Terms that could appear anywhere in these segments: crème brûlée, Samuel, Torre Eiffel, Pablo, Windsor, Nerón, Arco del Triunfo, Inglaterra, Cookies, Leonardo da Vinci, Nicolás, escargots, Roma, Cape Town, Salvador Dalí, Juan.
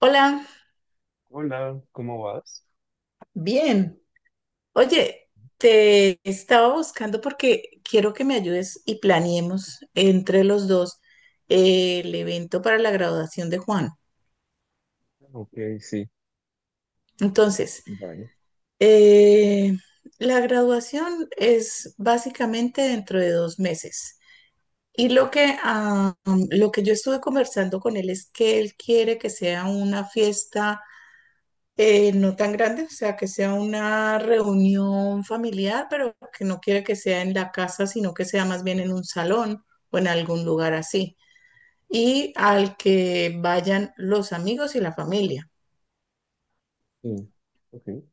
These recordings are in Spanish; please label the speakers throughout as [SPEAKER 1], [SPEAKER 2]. [SPEAKER 1] Hola,
[SPEAKER 2] Hola, ¿cómo vas?
[SPEAKER 1] bien. Oye, te estaba buscando porque quiero que me ayudes y planeemos entre los dos el evento para la graduación de Juan.
[SPEAKER 2] Sí,
[SPEAKER 1] Entonces, eh, la graduación es básicamente dentro de 2 meses. Y lo que yo estuve conversando con él es que él quiere que sea una fiesta. No tan grande, o sea, que sea una reunión familiar, pero que no quiere que sea en la casa, sino que sea más bien en un salón o en algún lugar así. Y al que vayan los amigos y la familia.
[SPEAKER 2] sí, ok.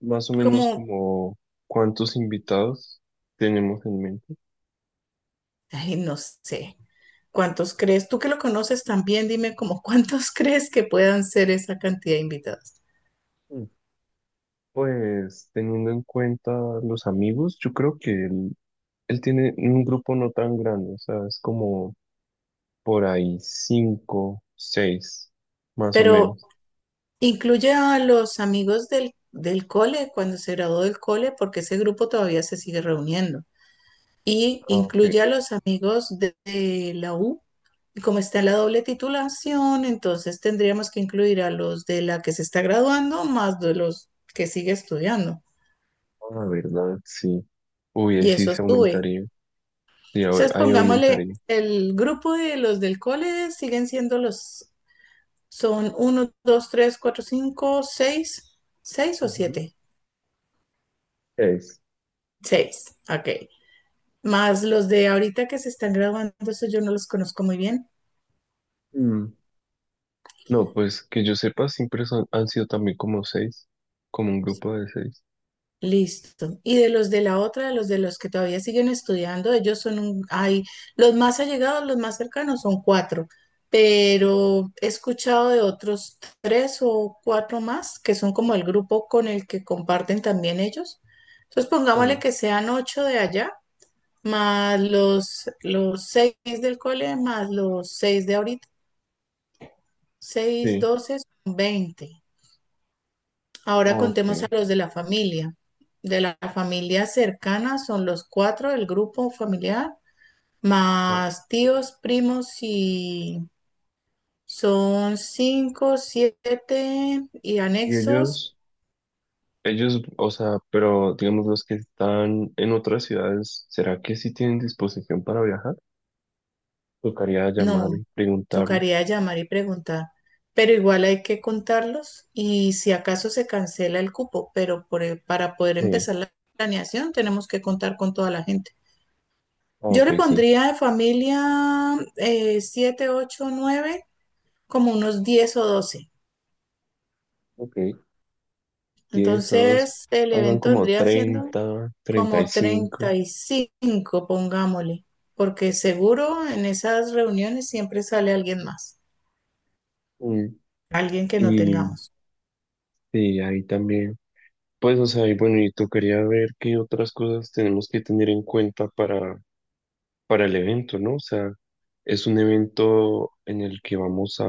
[SPEAKER 2] ¿Más o menos
[SPEAKER 1] Como,
[SPEAKER 2] como cuántos invitados tenemos en mente?
[SPEAKER 1] Ay, no sé, ¿cuántos crees? Tú que lo conoces también, dime como cuántos crees que puedan ser esa cantidad de invitados.
[SPEAKER 2] Mm. Pues teniendo en cuenta los amigos, yo creo que él tiene un grupo no tan grande, o sea, es como por ahí cinco, seis, más o
[SPEAKER 1] Pero
[SPEAKER 2] menos.
[SPEAKER 1] incluye a los amigos del cole, cuando se graduó del cole, porque ese grupo todavía se sigue reuniendo. Y
[SPEAKER 2] Ah, ok.
[SPEAKER 1] incluye a los amigos de la U. Y como está la doble titulación, entonces tendríamos que incluir a los de la que se está graduando más de los que sigue estudiando.
[SPEAKER 2] Ah, verdad, sí. Uy, ahí
[SPEAKER 1] Y
[SPEAKER 2] sí
[SPEAKER 1] eso
[SPEAKER 2] se
[SPEAKER 1] sube.
[SPEAKER 2] aumentaría. Sí, ahora
[SPEAKER 1] Entonces,
[SPEAKER 2] ahí
[SPEAKER 1] pongámosle,
[SPEAKER 2] aumentaría.
[SPEAKER 1] el grupo de los del cole siguen siendo los, son uno, dos, tres, cuatro, cinco, seis, 6 o
[SPEAKER 2] Ujú.
[SPEAKER 1] siete,
[SPEAKER 2] Seis.
[SPEAKER 1] 6. Ok. Más los de ahorita que se están graduando, eso yo no los conozco muy bien.
[SPEAKER 2] No, pues que yo sepa, siempre son, han sido también como seis, como un grupo de seis.
[SPEAKER 1] Listo. Y de los de la otra, de los que todavía siguen estudiando, ellos son los más allegados, los más cercanos son cuatro, pero he escuchado de otros tres o cuatro más que son como el grupo con el que comparten también ellos. Entonces pongámosle
[SPEAKER 2] Sí.
[SPEAKER 1] que sean ocho de allá, más los seis del cole, más los seis de ahorita, seis,
[SPEAKER 2] Sí,
[SPEAKER 1] 12, son 20. Ahora
[SPEAKER 2] ok.
[SPEAKER 1] contemos a los de la familia. De la familia cercana son los cuatro del grupo familiar,
[SPEAKER 2] Ajá.
[SPEAKER 1] más tíos, primos y son cinco, siete y
[SPEAKER 2] Y
[SPEAKER 1] anexos.
[SPEAKER 2] ellos, o sea, pero digamos los que están en otras ciudades, ¿será que sí tienen disposición para viajar? Tocaría llamar
[SPEAKER 1] No,
[SPEAKER 2] y preguntarles.
[SPEAKER 1] tocaría llamar y preguntar, pero igual hay que contarlos y si acaso se cancela el cupo, pero para poder
[SPEAKER 2] Sí,
[SPEAKER 1] empezar la planeación tenemos que contar con toda la gente. Yo
[SPEAKER 2] ok,
[SPEAKER 1] le
[SPEAKER 2] sí.
[SPEAKER 1] pondría de familia siete, ocho, nueve, como unos 10 o 12.
[SPEAKER 2] Ok, 10 a 12.
[SPEAKER 1] Entonces, el
[SPEAKER 2] Hagan
[SPEAKER 1] evento
[SPEAKER 2] como
[SPEAKER 1] vendría siendo
[SPEAKER 2] 30,
[SPEAKER 1] como
[SPEAKER 2] 35.
[SPEAKER 1] 35, pongámosle, porque seguro en esas reuniones siempre sale alguien más,
[SPEAKER 2] Mm,
[SPEAKER 1] alguien que no
[SPEAKER 2] Y
[SPEAKER 1] tengamos.
[SPEAKER 2] sí, ahí también. Pues, o sea, y bueno, y tocaría ver qué otras cosas tenemos que tener en cuenta para el evento, ¿no? O sea, es un evento en el que vamos a,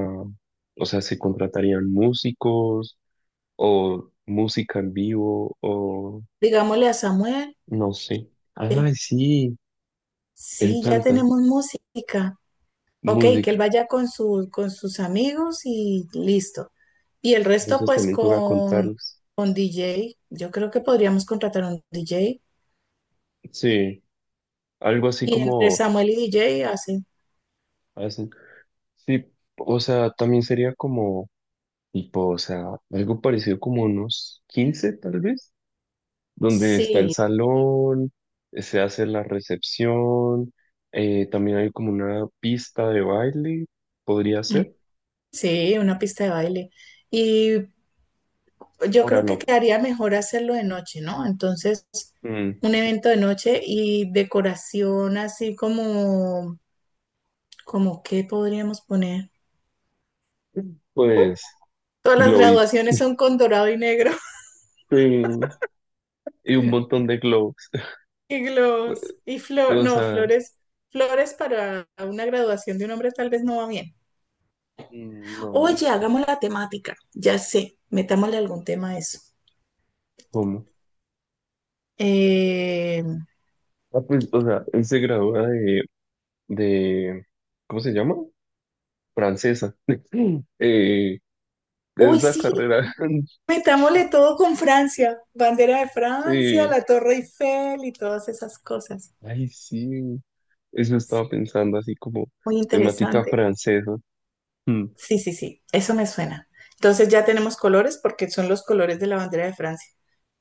[SPEAKER 2] o sea, se contratarían músicos o música en vivo o
[SPEAKER 1] Digámosle a Samuel,
[SPEAKER 2] no sé. Ah,
[SPEAKER 1] sí,
[SPEAKER 2] sí, él
[SPEAKER 1] sí, ya
[SPEAKER 2] canta
[SPEAKER 1] tenemos música. Ok, que él
[SPEAKER 2] música.
[SPEAKER 1] vaya con sus amigos y listo. Y el resto,
[SPEAKER 2] Eso
[SPEAKER 1] pues
[SPEAKER 2] también toca
[SPEAKER 1] con,
[SPEAKER 2] contarles.
[SPEAKER 1] con DJ. Yo creo que podríamos contratar un DJ.
[SPEAKER 2] Sí, algo así
[SPEAKER 1] Y entre
[SPEAKER 2] como
[SPEAKER 1] Samuel y DJ hacen.
[SPEAKER 2] hacen. Sí, o sea, también sería como tipo, o sea, algo parecido como unos 15, tal vez, donde está el
[SPEAKER 1] Sí,
[SPEAKER 2] salón, se hace la recepción, también hay como una pista de baile, podría ser.
[SPEAKER 1] sí, una pista de baile. Y yo
[SPEAKER 2] Ahora
[SPEAKER 1] creo que
[SPEAKER 2] loco.
[SPEAKER 1] quedaría mejor hacerlo de noche, ¿no? Entonces,
[SPEAKER 2] Mm,
[SPEAKER 1] un evento de noche y decoración así como qué podríamos poner.
[SPEAKER 2] Pues,
[SPEAKER 1] Todas las
[SPEAKER 2] globits.
[SPEAKER 1] graduaciones son con dorado y negro,
[SPEAKER 2] Sí, y un montón de globos.
[SPEAKER 1] y
[SPEAKER 2] Pues,
[SPEAKER 1] globos y flor,
[SPEAKER 2] pues, o
[SPEAKER 1] no,
[SPEAKER 2] sea,
[SPEAKER 1] flores para una graduación de un hombre tal vez no va bien.
[SPEAKER 2] no,
[SPEAKER 1] Oye, hagamos la temática, ya sé, metámosle algún tema a eso.
[SPEAKER 2] ¿cómo?
[SPEAKER 1] Eh,
[SPEAKER 2] Ah, pues, o sea, él se gradúa de, de, ¿cómo se llama? Francesa. Eh, de
[SPEAKER 1] Uy,
[SPEAKER 2] esa
[SPEAKER 1] sí,
[SPEAKER 2] carrera.
[SPEAKER 1] metámosle todo con Francia, bandera de Francia,
[SPEAKER 2] Sí,
[SPEAKER 1] la Torre Eiffel y todas esas cosas.
[SPEAKER 2] ay, sí, eso estaba pensando, así como
[SPEAKER 1] Muy
[SPEAKER 2] temática
[SPEAKER 1] interesante.
[SPEAKER 2] francesa. Mm.
[SPEAKER 1] Sí, sí, sí, eso me suena. Entonces ya tenemos colores porque son los colores de la bandera de Francia.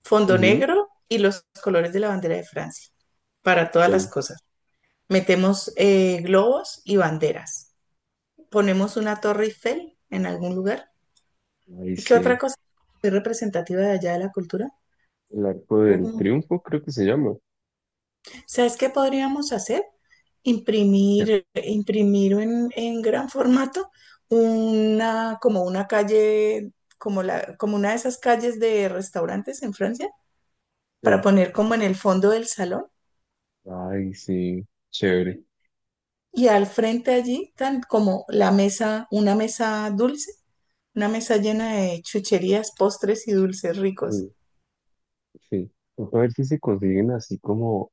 [SPEAKER 1] Fondo
[SPEAKER 2] Ujú.
[SPEAKER 1] negro y los colores de la bandera de Francia para todas las
[SPEAKER 2] Ay,
[SPEAKER 1] cosas. Metemos globos y banderas. Ponemos una Torre Eiffel en algún lugar.
[SPEAKER 2] ay,
[SPEAKER 1] ¿Y qué otra
[SPEAKER 2] sí,
[SPEAKER 1] cosa es representativa de allá, de la cultura?
[SPEAKER 2] el Arco del Triunfo creo que se llama.
[SPEAKER 1] ¿Sabes qué podríamos hacer?
[SPEAKER 2] Ya.
[SPEAKER 1] Imprimir en gran formato como una calle, como una de esas calles de restaurantes en Francia, para
[SPEAKER 2] Sí.
[SPEAKER 1] poner como en el fondo del salón,
[SPEAKER 2] Ay, sí, chévere.
[SPEAKER 1] y al frente allí, tan como la mesa, una mesa dulce, una mesa llena de chucherías, postres y dulces ricos.
[SPEAKER 2] Sí, sí. Toca ver si se consiguen así como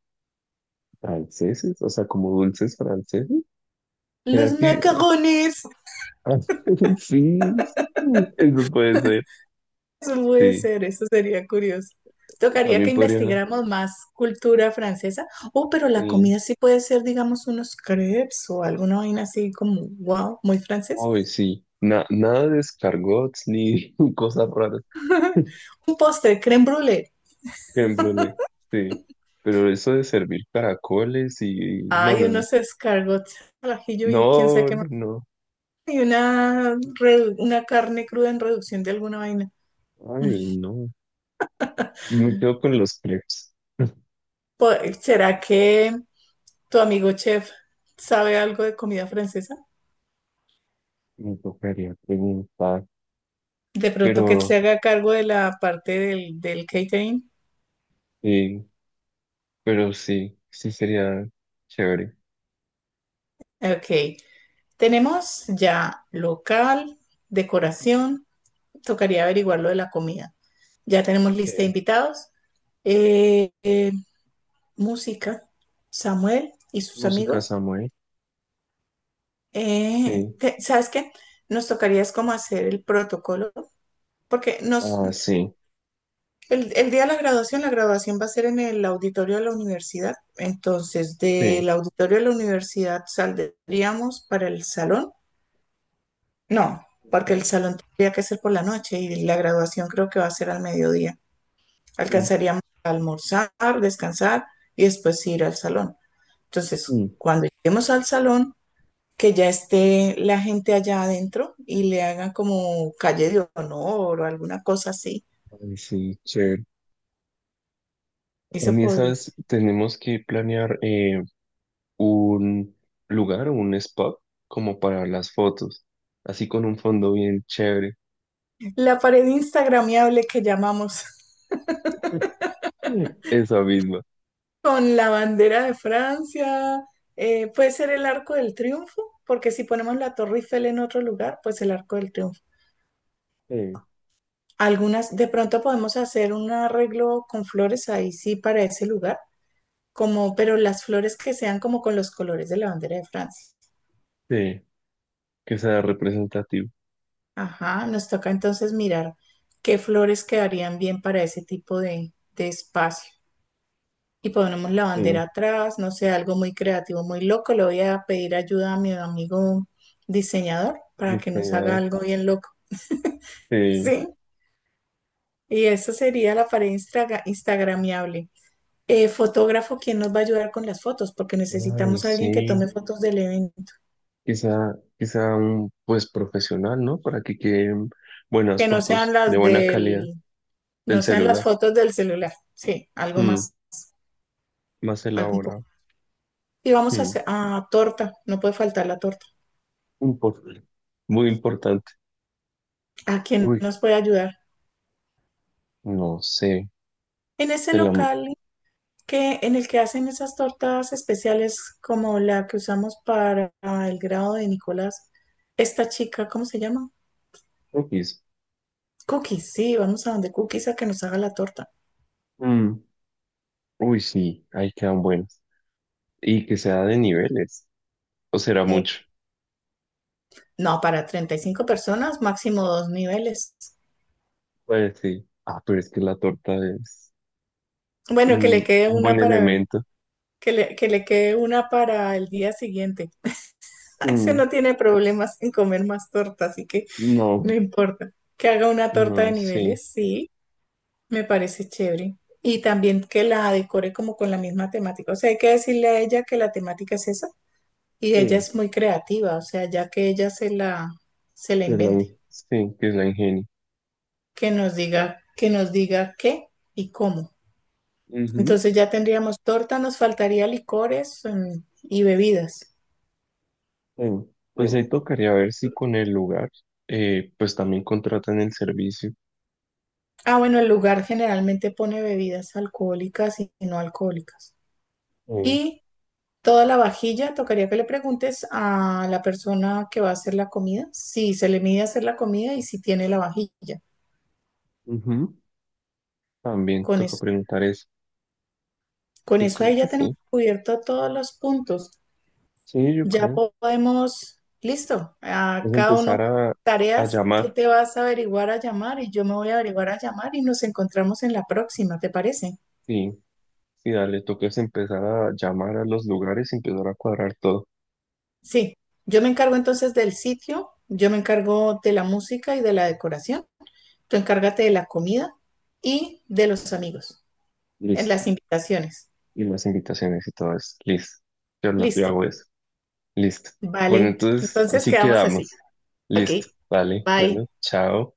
[SPEAKER 2] franceses, o sea, como dulces franceses. ¿Será
[SPEAKER 1] Los
[SPEAKER 2] que...?
[SPEAKER 1] macarrones.
[SPEAKER 2] Ah, sí, eso puede ser.
[SPEAKER 1] Eso puede
[SPEAKER 2] Sí,
[SPEAKER 1] ser, eso sería curioso. Tocaría
[SPEAKER 2] también
[SPEAKER 1] que
[SPEAKER 2] podría...
[SPEAKER 1] investigáramos más cultura francesa. Oh, pero la
[SPEAKER 2] Sí.
[SPEAKER 1] comida sí puede ser, digamos, unos crepes o alguna vaina así como, wow, muy francesa.
[SPEAKER 2] Hoy sí, nada de escargots ni cosas raras.
[SPEAKER 1] Un postre, crème brûlée.
[SPEAKER 2] Crème brûlée, sí. Pero eso de servir caracoles y... No,
[SPEAKER 1] Hay
[SPEAKER 2] no, no.
[SPEAKER 1] unos escargots al ajillo y quién sabe
[SPEAKER 2] No,
[SPEAKER 1] qué más.
[SPEAKER 2] no, no.
[SPEAKER 1] Y una carne cruda en reducción de alguna vaina. Mm.
[SPEAKER 2] Ay, no. Me quedo con los crepes.
[SPEAKER 1] Po- ¿Será que tu amigo chef sabe algo de comida francesa?
[SPEAKER 2] Me tocaría preguntar.
[SPEAKER 1] De pronto
[SPEAKER 2] Pero,
[SPEAKER 1] que se haga cargo de la parte del catering.
[SPEAKER 2] sí, pero sí, sí sería chévere.
[SPEAKER 1] Ok. Tenemos ya local, decoración, tocaría averiguar lo de la comida. Ya tenemos
[SPEAKER 2] Sí.
[SPEAKER 1] lista de invitados, eh, eh, música, Samuel y sus
[SPEAKER 2] Música
[SPEAKER 1] amigos.
[SPEAKER 2] Samuel. Sí.
[SPEAKER 1] ¿Sabes qué? Nos tocaría es como hacer el protocolo, porque nos,
[SPEAKER 2] Ah, sí,
[SPEAKER 1] el, el día de la graduación va a ser en el auditorio de la universidad. Entonces,
[SPEAKER 2] sí.
[SPEAKER 1] del auditorio de la universidad saldríamos para el salón. No, porque el
[SPEAKER 2] Ok.
[SPEAKER 1] salón tendría que ser por la noche y la graduación creo que va a ser al mediodía.
[SPEAKER 2] Mm,
[SPEAKER 1] Alcanzaríamos a almorzar, descansar y después ir al salón. Entonces,
[SPEAKER 2] mm.
[SPEAKER 1] cuando lleguemos al salón, que ya esté la gente allá adentro y le hagan como calle de honor o alguna cosa así.
[SPEAKER 2] Ay, sí, chévere.
[SPEAKER 1] Y se
[SPEAKER 2] También,
[SPEAKER 1] podría.
[SPEAKER 2] ¿sabes? Tenemos que planear, un lugar o un spot como para las fotos, así con un fondo bien chévere.
[SPEAKER 1] La pared instagramiable que llamamos,
[SPEAKER 2] Mm. Esa misma.
[SPEAKER 1] con la bandera de Francia, puede ser el Arco del Triunfo, porque si ponemos la Torre Eiffel en otro lugar, pues el Arco del Triunfo.
[SPEAKER 2] Sí,
[SPEAKER 1] Algunas, de pronto podemos hacer un arreglo con flores ahí sí para ese lugar, como, pero las flores que sean como con los colores de la bandera de Francia.
[SPEAKER 2] sí, que sea representativo.
[SPEAKER 1] Ajá, nos toca entonces mirar qué flores quedarían bien para ese tipo de espacio. Y ponemos la
[SPEAKER 2] Sí,
[SPEAKER 1] bandera atrás, no sé, algo muy creativo, muy loco. Le voy a pedir ayuda a mi amigo diseñador para que nos haga
[SPEAKER 2] diseñador.
[SPEAKER 1] algo bien loco.
[SPEAKER 2] Sí.
[SPEAKER 1] Sí, y esa sería la pared instagramiable. Fotógrafo quien nos va a ayudar con las fotos, porque
[SPEAKER 2] Ay,
[SPEAKER 1] necesitamos a alguien que
[SPEAKER 2] sí.
[SPEAKER 1] tome fotos del evento,
[SPEAKER 2] Quizá un pues profesional, ¿no? Para que queden buenas
[SPEAKER 1] que no sean
[SPEAKER 2] fotos de
[SPEAKER 1] las
[SPEAKER 2] buena calidad
[SPEAKER 1] del,
[SPEAKER 2] del
[SPEAKER 1] no sean las
[SPEAKER 2] celular.
[SPEAKER 1] fotos del celular. Sí, algo
[SPEAKER 2] Mm,
[SPEAKER 1] más,
[SPEAKER 2] Más
[SPEAKER 1] algo un poco.
[SPEAKER 2] elaborado.
[SPEAKER 1] Y vamos a
[SPEAKER 2] Mm,
[SPEAKER 1] hacer a torta, no puede faltar la torta.
[SPEAKER 2] impor- Muy importante.
[SPEAKER 1] ¿A quién
[SPEAKER 2] Uy,
[SPEAKER 1] nos puede ayudar?
[SPEAKER 2] no sé.
[SPEAKER 1] En ese
[SPEAKER 2] De la
[SPEAKER 1] local que, en el que hacen esas tortas especiales como la que usamos para el grado de Nicolás, esta chica, ¿cómo se llama?
[SPEAKER 2] X.
[SPEAKER 1] Cookies, sí, vamos a donde Cookies a que nos haga la torta.
[SPEAKER 2] Mm. Uy, sí, ahí quedan buenos. Y que sea de niveles, o será
[SPEAKER 1] No,
[SPEAKER 2] mucho.
[SPEAKER 1] no, para 35 personas, máximo dos niveles.
[SPEAKER 2] Pues sí. Ah, pero es que la torta es
[SPEAKER 1] Bueno, que le
[SPEAKER 2] un,
[SPEAKER 1] quede
[SPEAKER 2] un
[SPEAKER 1] una
[SPEAKER 2] buen
[SPEAKER 1] para,
[SPEAKER 2] elemento.
[SPEAKER 1] que le quede una para el día siguiente. Ese
[SPEAKER 2] Mm,
[SPEAKER 1] no tiene problemas en comer más torta, así que no
[SPEAKER 2] no,
[SPEAKER 1] importa. Que haga una torta de
[SPEAKER 2] no, sí.
[SPEAKER 1] niveles, sí, me parece chévere. Y también que la decore como con la misma temática. O sea, hay que decirle a ella que la temática es esa. Y ella
[SPEAKER 2] Sí,
[SPEAKER 1] es muy creativa, o sea, ya que ella se la
[SPEAKER 2] que es la,
[SPEAKER 1] invente.
[SPEAKER 2] sí, que es la ingenio.
[SPEAKER 1] Que nos diga qué y cómo.
[SPEAKER 2] Ujú,
[SPEAKER 1] Entonces ya tendríamos torta, nos faltaría licores, y bebidas.
[SPEAKER 2] sí. Pues ahí tocaría ver si con el lugar, pues también contratan el servicio.
[SPEAKER 1] Ah, bueno, el lugar generalmente pone bebidas alcohólicas y no alcohólicas.
[SPEAKER 2] Eh,
[SPEAKER 1] Y toda la vajilla, tocaría que le preguntes a la persona que va a hacer la comida si se le mide hacer la comida y si tiene la vajilla.
[SPEAKER 2] Ujú, también
[SPEAKER 1] Con
[SPEAKER 2] toca
[SPEAKER 1] eso,
[SPEAKER 2] preguntar eso.
[SPEAKER 1] con
[SPEAKER 2] Yo
[SPEAKER 1] eso
[SPEAKER 2] creo
[SPEAKER 1] ahí
[SPEAKER 2] que
[SPEAKER 1] ya tenemos
[SPEAKER 2] sí.
[SPEAKER 1] cubierto todos los puntos.
[SPEAKER 2] Sí, yo
[SPEAKER 1] Ya
[SPEAKER 2] creo.
[SPEAKER 1] podemos, listo, a
[SPEAKER 2] Es
[SPEAKER 1] cada
[SPEAKER 2] empezar
[SPEAKER 1] uno
[SPEAKER 2] a
[SPEAKER 1] tareas, tú
[SPEAKER 2] llamar.
[SPEAKER 1] te vas a averiguar a llamar y yo me voy a averiguar a llamar y nos encontramos en la próxima, ¿te parece?
[SPEAKER 2] Sí. Sí, dale, tú que es empezar a llamar a los lugares y empezar a cuadrar todo.
[SPEAKER 1] Sí, yo me encargo entonces del sitio, yo me encargo de la música y de la decoración, tú encárgate de la comida y de los amigos, en
[SPEAKER 2] Listo.
[SPEAKER 1] las invitaciones.
[SPEAKER 2] Y las invitaciones y todo eso. Listo. Yo
[SPEAKER 1] Listo,
[SPEAKER 2] hago eso. Listo. Bueno,
[SPEAKER 1] vale,
[SPEAKER 2] entonces
[SPEAKER 1] entonces
[SPEAKER 2] así
[SPEAKER 1] quedamos así.
[SPEAKER 2] quedamos.
[SPEAKER 1] Ok,
[SPEAKER 2] Listo. Vale.
[SPEAKER 1] bye.
[SPEAKER 2] Bueno, chao.